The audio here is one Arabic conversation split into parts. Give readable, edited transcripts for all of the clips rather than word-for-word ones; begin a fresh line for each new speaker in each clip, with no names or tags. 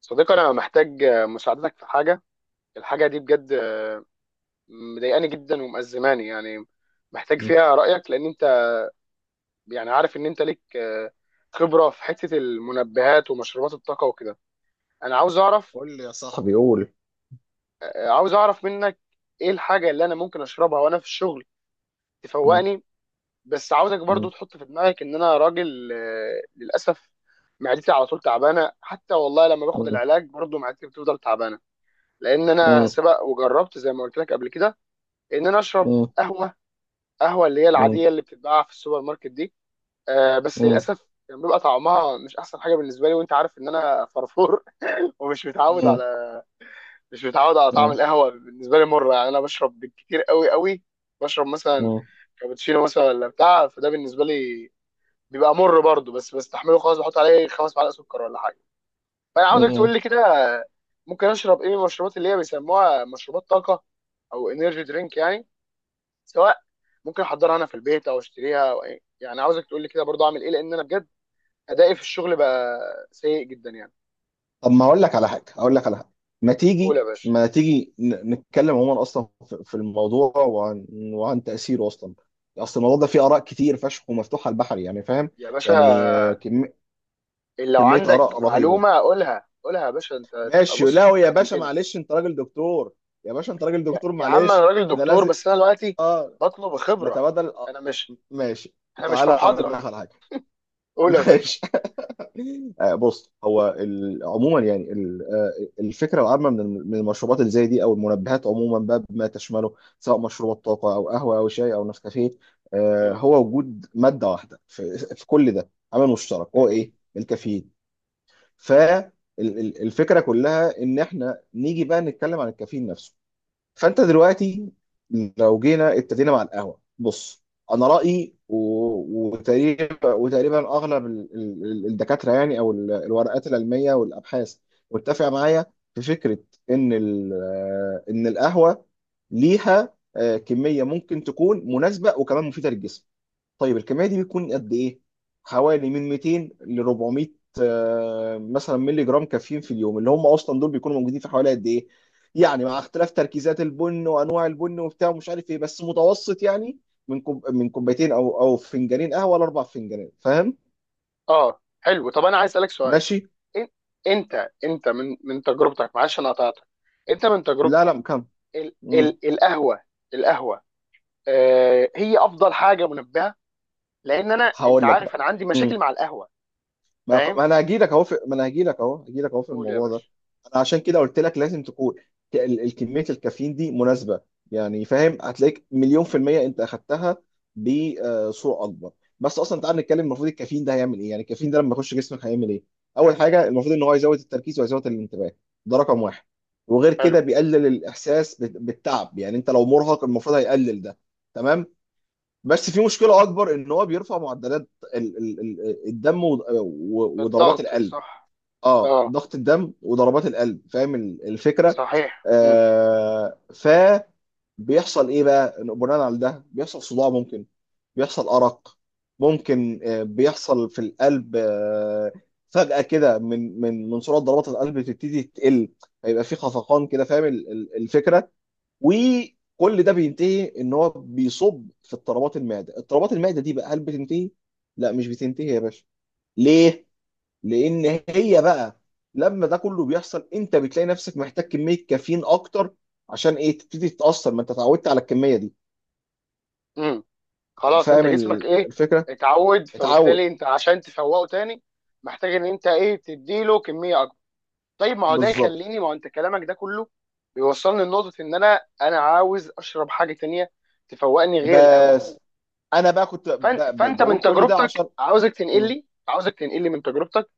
صديقي انا محتاج مساعدتك في حاجه. الحاجه دي بجد مضايقاني جدا ومأزماني يعني. محتاج
مم.
فيها رايك لان انت يعني عارف ان انت ليك خبره في حته المنبهات ومشروبات الطاقه وكده. انا عاوز اعرف.
قول لي يا صاحبي بيقول.
عاوز اعرف منك ايه الحاجه اللي انا ممكن اشربها وانا في الشغل
مم.
تفوقني. بس عاوزك برضو
مم.
تحط في دماغك ان انا راجل، للاسف معدتي على طول تعبانه، حتى والله لما باخد
مم.
العلاج برضو معدتي بتفضل تعبانه. لان انا
مم.
سبق وجربت زي ما قلت لك قبل كده ان انا اشرب
مم.
قهوه. قهوه اللي هي
مم.
العاديه اللي بتتباع في السوبر ماركت دي. آه بس
مم.
للاسف كان بيبقى طعمها مش احسن حاجه بالنسبه لي، وانت عارف ان انا فرفور. ومش متعود على، مش متعود على طعم
مم.
القهوه. بالنسبه لي مره، يعني انا بشرب بالكتير قوي. بشرب مثلا
مم.
كابتشينو مثلا ولا بتاع، فده بالنسبه لي بيبقى مر برضه، بس بستحمله خلاص، بحط عليه خمس معلقه سكر ولا حاجه. فانا عاوزك تقول
مم.
لي كده، ممكن اشرب ايه من المشروبات اللي هي بيسموها مشروبات طاقه او انرجي درينك يعني؟ سواء ممكن احضرها انا في البيت او اشتريها أو إيه. يعني عاوزك تقول لي كده برضو اعمل ايه، لان انا بجد ادائي في الشغل بقى سيء جدا يعني.
طب، ما اقول لك على حاجه. ما
قول يا
تيجي
باشا.
ما تيجي نتكلم عموما، اصلا في الموضوع، وعن تاثيره اصلا. اصل الموضوع ده فيه اراء كتير فشخ ومفتوحه البحر، يعني فاهم.
يا باشا
يعني
لو
كميه
عندك
اراء رهيبه.
معلومه قولها، قولها يا باشا، انت تبقى
ماشي.
بص
لا
تبقى
يا باشا،
خدمتني.
معلش انت راجل دكتور. يا باشا انت راجل
يا,
دكتور،
يا عم، انا
معلش
راجل
احنا
دكتور،
لازم
بس انا دلوقتي
اه
بطلب خبره.
نتبادل
انا مش،
ماشي.
انا مش في
تعالى اقول
محاضره.
لك على حاجه.
قول يا باشا.
ماشي. بص، هو عموما يعني الفكره العامه من المشروبات اللي زي دي او المنبهات عموما بقى بما تشمله، سواء مشروبات طاقه او قهوه او شاي او نسكافيه.
مم.
هو وجود ماده واحده في كل ده، عامل مشترك، هو
جميل.
ايه؟ الكافيين. فالفكره كلها ان احنا نيجي بقى نتكلم عن الكافيين نفسه. فانت دلوقتي، لو جينا ابتدينا مع القهوه، بص، انا رايي وتقريبا اغلب الدكاتره يعني، او الورقات العلميه والابحاث، متفقه معايا في فكره ان ال- ان القهوه ليها كميه ممكن تكون مناسبه وكمان مفيده للجسم. طيب الكميه دي بتكون قد ايه؟ حوالي من 200 ل 400 مثلا مللي جرام كافيين في اليوم، اللي هم اصلا دول بيكونوا موجودين في حوالي قد ايه، يعني مع اختلاف تركيزات البن وانواع البن وبتاع ومش عارف ايه، بس متوسط يعني من كوب، من كوبايتين او فنجانين قهوه لاربع فنجانات، فاهم.
اه حلو. طب انا عايز اسالك سؤال.
ماشي.
إن- انت من تجربتك، معلش انا قطعتك، انت من
لا
تجربتك
لا
ال
مم.
ال القهوه، القهوه آه هي افضل حاجه منبهه؟ لان انا، انت
هقول لك
عارف
بقى.
انا عندي مشاكل مع القهوه.
ما
فاهم.
ما انا هجي لك اهو في... ما انا هجي لك اهو في
قول يا
الموضوع ده.
باشا.
انا عشان كده قلت لك لازم تكون الكميه الكافيين دي مناسبه. يعني فاهم، هتلاقيك مليون في الميه انت اخدتها بصوره اكبر. بس اصلا تعال نتكلم، المفروض الكافيين ده هيعمل ايه؟ يعني الكافيين ده لما يخش جسمك هيعمل ايه؟ اول حاجه، المفروض ان هو يزود التركيز ويزود الانتباه. ده رقم واحد. وغير
حلو.
كده بيقلل الاحساس بالتعب، يعني انت لو مرهق المفروض هيقلل ده. تمام. بس في مشكله اكبر، ان هو بيرفع معدلات الدم وضربات
الضغط
القلب.
صح.
اه،
اه
ضغط الدم وضربات القلب، فاهم الفكره.
صحيح.
آه ف بيحصل ايه بقى بناء على ده؟ بيحصل صداع ممكن، بيحصل ارق ممكن، بيحصل في القلب، فجأة كده من سرعة ضربات القلب تبتدي تقل. هيبقى في خفقان كده، فاهم الفكرة. وكل ده بينتهي ان هو بيصب في اضطرابات المعده. اضطرابات المعده دي بقى هل بتنتهي؟ لا، مش بتنتهي يا باشا. ليه؟ لان هي بقى لما ده كله بيحصل انت بتلاقي نفسك محتاج كميه كافيين اكتر. عشان ايه؟ تبتدي تتاثر، ما انت اتعودت على الكميه دي.
امم. خلاص انت
فاهم
جسمك ايه،
الفكره.
اتعود،
اتعود،
فبالتالي انت عشان تفوقه تاني محتاج ان انت ايه تديله كميه اكبر. طيب ما هو ده
بالظبط.
يخليني، ما هو انت كلامك ده كله بيوصلني لنقطه ان انا عاوز اشرب حاجه تانيه تفوقني غير القهوه.
بس انا بقى كنت
فانت فانت
بقول
من
كل ده
تجربتك،
عشان
عاوزك تنقل
م-
لي، عاوزك تنقل لي من تجربتك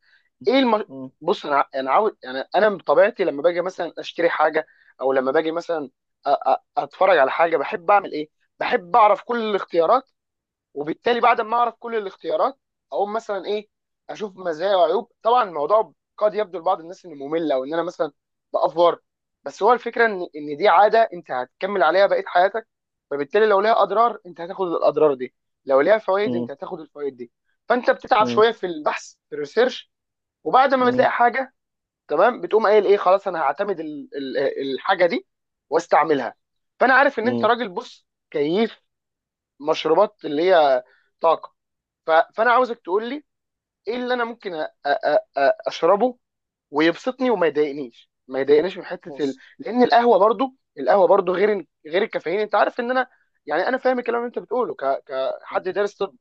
ايه
م-
بص انا انا عاوز، يعني انا بطبيعتي لما باجي مثلا اشتري حاجه، او لما باجي مثلا اتفرج على حاجه بحب اعمل ايه؟ بحب اعرف كل الاختيارات. وبالتالي بعد ما اعرف كل الاختيارات اقوم مثلا ايه، اشوف مزايا وعيوب. طبعا الموضوع قد يبدو لبعض الناس انه ممل، او ان انا مثلا بافور، بس هو الفكره ان دي عاده انت هتكمل عليها بقيه حياتك. فبالتالي لو ليها اضرار انت هتاخد الاضرار دي، لو ليها فوائد
م-
انت هتاخد الفوائد دي. فانت بتتعب
م-
شويه في البحث في الريسيرش، وبعد ما
م-
بتلاقي حاجه تمام بتقوم قايل ايه، خلاص انا هعتمد الحاجه دي واستعملها. فانا عارف ان انت
م-
راجل بص كيف مشروبات اللي هي طاقه. فانا عاوزك تقول لي ايه اللي انا ممكن اشربه ويبسطني وما يضايقنيش، ما يضايقنيش من حته
بص
لان القهوه برضو، القهوه برضو غير، الكافيين انت عارف ان انا، يعني انا فاهم الكلام اللي انت بتقوله كحد
م-
دارس طب،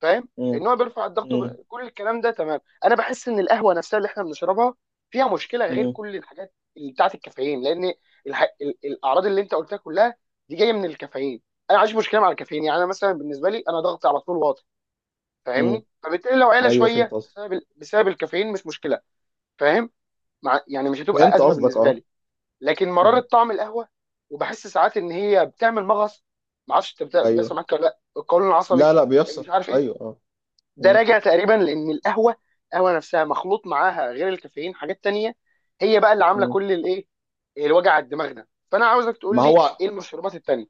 فاهم
م-
ان هو بيرفع الضغط كل الكلام ده تمام. انا بحس ان القهوه نفسها اللي احنا بنشربها فيها مشكله غير
م-
كل الحاجات اللي بتاعت الكافيين، لان الاعراض اللي انت قلتها كلها دي جايه من الكافيين. انا عايش مشكله مع الكافيين، يعني انا مثلا بالنسبه لي انا ضغطي على طول واطي،
م-
فاهمني؟ فبالتالي لو عيله
ايوه، فهمت
شويه
قصدك
بسبب بسبب الكافيين مش مشكله. فاهم. مع، يعني مش هتبقى
فهمت
ازمه
قصدك
بالنسبه
اه.
لي. لكن مراره
مم.
طعم القهوه، وبحس ساعات ان هي بتعمل مغص. ما اعرفش انت بيحصل
ايوه.
معاك ولا لا القولون العصبي
لا لا،
اللي مش
بيحصل،
عارف ايه.
ايوه، اه.
ده
مم.
راجع تقريبا لان القهوه، القهوه نفسها مخلوط معاها غير الكافيين حاجات تانية، هي بقى اللي عامله
مم.
كل الايه، الوجع على الدماغ ده. فانا عاوزك تقول
ما
لي
هو
ايه المشروبات التانية.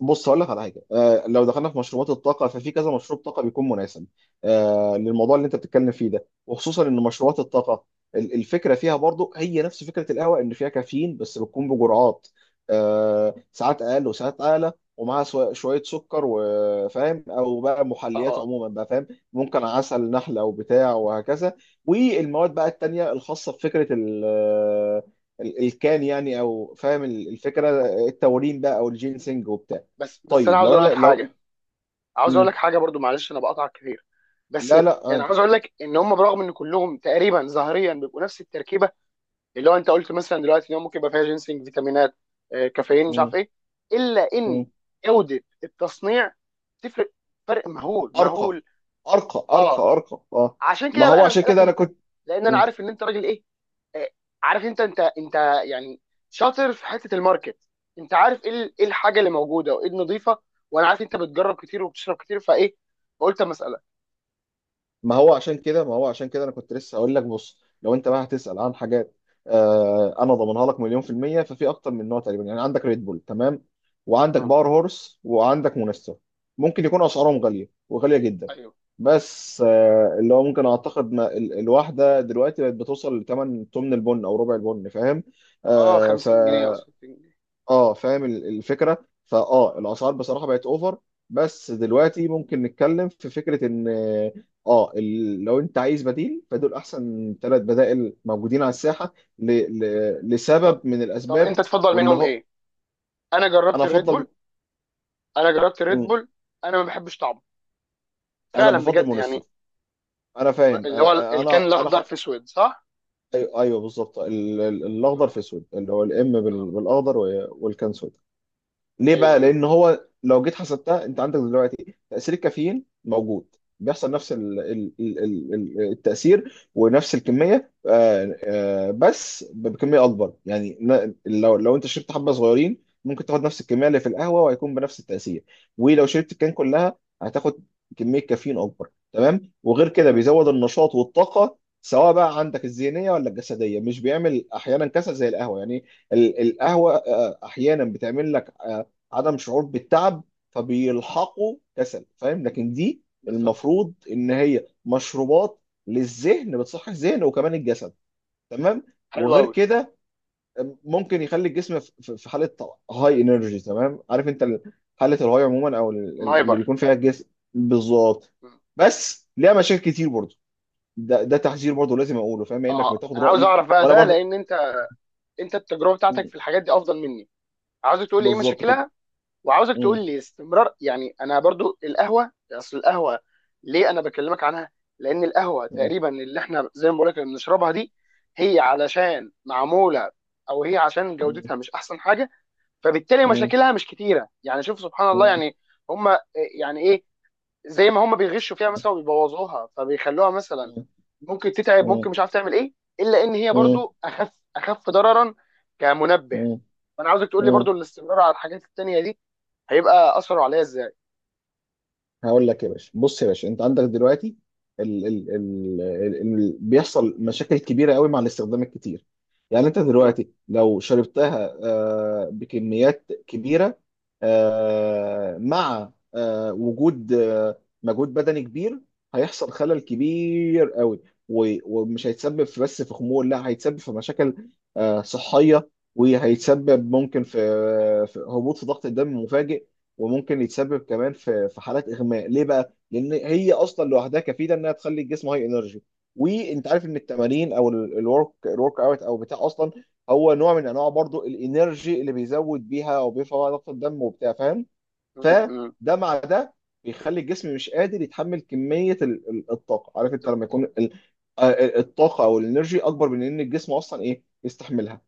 بص، هقول لك على حاجه. لو دخلنا في مشروبات الطاقه، ففي كذا مشروب طاقه بيكون مناسب للموضوع اللي انت بتتكلم فيه ده، وخصوصا ان مشروبات الطاقه الفكره فيها برضو هي نفس فكره القهوه، ان فيها كافيين بس بتكون بجرعات ساعات اقل وساعات اعلى، ومعاها شويه سكر وفاهم، او بقى محليات
اه.
عموما بقى، فاهم. ممكن عسل نحله او بتاع، وهكذا. والمواد بقى التانيه الخاصه بفكره الكان يعني، او فاهم الفكره، التورين بقى، او الجينسينج وبتاع.
بس انا
طيب
عاوز
لو
اقول لك
انا لو.
حاجه، عاوز اقول لك
مم.
حاجه برضو، معلش انا بقطع كتير. بس
لا لا،
يعني
عادي.
عاوز اقول لك ان هم برغم ان كلهم تقريبا ظاهريا بيبقوا نفس التركيبه، اللي هو انت قلت مثلا دلوقتي ان هو ممكن يبقى فيها جينسنج، فيتامينات، كافيين، مش
مم.
عارف ايه، الا
مم.
ان جوده التصنيع تفرق، فرق مهول
ارقى
مهول
ارقى ارقى ارقى
اه،
ارقى، اه.
عشان
ما
كده بقى
هو
انا
عشان
بسالك
كده انا
انت،
كنت
لان انا عارف ان انت راجل ايه، آه، عارف، انت يعني شاطر في حته الماركت. انت عارف ايه إيه الحاجه اللي موجوده وايه النظيفه. وانا عارف انت بتجرب كتير وبتشرب كتير، فايه، فقلت اما اسالك.
ما هو عشان كده انا كنت لسه هقول لك. بص، لو انت بقى هتسأل عن حاجات، انا ضامنها لك مليون في المية. ففي اكتر من نوع تقريبا، يعني عندك ريد بول، تمام، وعندك
مم.
باور هورس، وعندك مونستر. ممكن يكون اسعارهم غالية وغالية جدا،
ايوه.
بس اللي هو ممكن اعتقد ما الواحدة دلوقتي بقت بتوصل لثمن تمن البن او ربع البن، فاهم.
اه،
آه ف
50 جنيه او 60 جنيه.
اه، فاهم الفكره، فاه، الاسعار بصراحه بقت اوفر. بس دلوقتي ممكن نتكلم في فكره ان اه لو انت عايز بديل، فدول احسن 3 بدائل موجودين على الساحه
طب،
لسبب من
طب انت
الاسباب.
تفضل
وان
منهم
هو
ايه؟ انا جربت
انا
الريد
افضل
بول، انا جربت الريد
م-
بول انا ما بحبش طعمه،
انا
فعلا
بفضل
بجد يعني.
مونستر. انا فاهم.
اللي هو الكان الاخضر في اسود صح؟
ايوه، أيوة، بالظبط، الاخضر
اه.
في اسود، اللي هو الام
اه.
بالاخضر والكان سود. ليه
ايوه
بقى؟
ايوه.
لأن هو لو جيت حسبتها أنت عندك دلوقتي تأثير الكافيين موجود، بيحصل نفس التأثير ونفس الكمية، بس بكمية أكبر يعني. لو أنت شربت حبة صغيرين، ممكن تاخد نفس الكمية اللي في القهوة وهيكون بنفس التأثير. ولو شربت الكان كلها هتاخد كمية كافيين أكبر، تمام. وغير كده
مم.
بيزود النشاط والطاقة، سواء بقى عندك الذهنية ولا الجسدية، مش بيعمل أحيانا كسل زي القهوة يعني. القهوة أحيانا بتعمل لك عدم شعور بالتعب، فبيلحقوا كسل، فاهم. لكن دي
بالظبط.
المفروض ان هي مشروبات للذهن، بتصحي الذهن وكمان الجسد، تمام.
حلو
وغير
قوي.
كده ممكن يخلي الجسم في في حاله هاي انرجي، تمام. عارف انت حاله الهاي عموما، او اللي
مايبر.
بيكون فيها الجسم. بالظبط.
مم.
بس ليها مشاكل كتير برضه. ده تحذير برضه لازم اقوله، فاهم، يعني انك
اه
بتاخد
انا عاوز
رايي
اعرف بقى
وانا
ده،
برضه.
لان انت، انت التجربه بتاعتك
مم.
في الحاجات دي افضل مني. عاوز تقول لي ايه
بالظبط كنت.
مشاكلها، وعاوزك
مم.
تقول لي استمرار. يعني انا برضو القهوه، اصل القهوه ليه انا بكلمك عنها، لان القهوه
مم.
تقريبا اللي احنا زي ما بقول لك بنشربها دي، هي علشان معموله، او هي عشان
مم.
جودتها مش احسن حاجه، فبالتالي مشاكلها مش كتيره، يعني شوف سبحان الله
مم.
يعني. هم، يعني ايه، زي ما هم بيغشوا فيها مثلا وبيبوظوها، فبيخلوها مثلا
مم.
ممكن تتعب،
مم.
ممكن مش عارف تعمل ايه. الا ان هي
مم.
برضو اخف، اخف ضررا كمنبه.
مم.
فانا عاوزك تقول لي
مم.
برضو الاستمرار على الحاجات التانيه دي هيبقى اثره عليا ازاي.
هقول لك يا باشا. بص يا باشا، انت عندك دلوقتي ال ال ال ال ال بيحصل مشاكل كبيره قوي مع الاستخدام الكتير. يعني انت
مم.
دلوقتي لو شربتها بكميات كبيره مع وجود مجهود بدني كبير، هيحصل خلل كبير قوي. و- ومش هيتسبب في بس في خمول، لا، هيتسبب في مشاكل صحيه، وهيتسبب ممكن في في هبوط في ضغط الدم مفاجئ. وممكن يتسبب كمان في حالات اغماء. ليه بقى؟ لان هي اصلا لوحدها كفيله انها تخلي الجسم هاي انرجي، وانت عارف ان التمارين، او الورك اوت، او بتاع، اصلا هو نوع من انواع برضو الانرجي، اللي بيزود بيها او بيرفع بقى ضغط الدم وبتاع، فاهم.
مم.
فده
مم.
مع ده بيخلي الجسم مش قادر يتحمل كمية الطاقة. عارف انت لما
بالضبط.
يكون الطاقة او الانرجي اكبر من ان الجسم اصلا ايه يستحملها.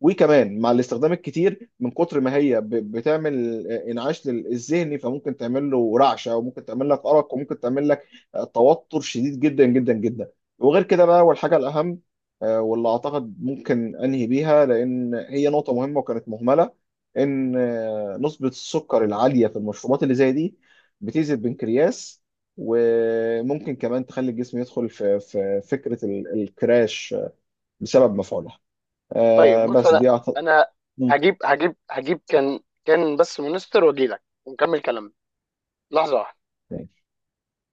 وكمان مع الاستخدام الكتير من كتر ما هي بتعمل انعاش الذهني، فممكن تعمل له رعشة، وممكن تعمل لك أرق، وممكن تعمل لك توتر شديد جدا جدا جدا. وغير كده بقى، والحاجة الأهم واللي أعتقد ممكن أنهي بيها، لأن هي نقطة مهمة وكانت مهملة، ان نسبة السكر العالية في المشروبات اللي زي دي بتأذي البنكرياس. وممكن كمان تخلي الجسم يدخل في فكرة الكراش بسبب مفعولها.
طيب بص
بس
انا،
دي أعتقد.
انا هجيب كان، كان بس مونستر، واجي لك ونكمل كلامنا. لحظه واحدة.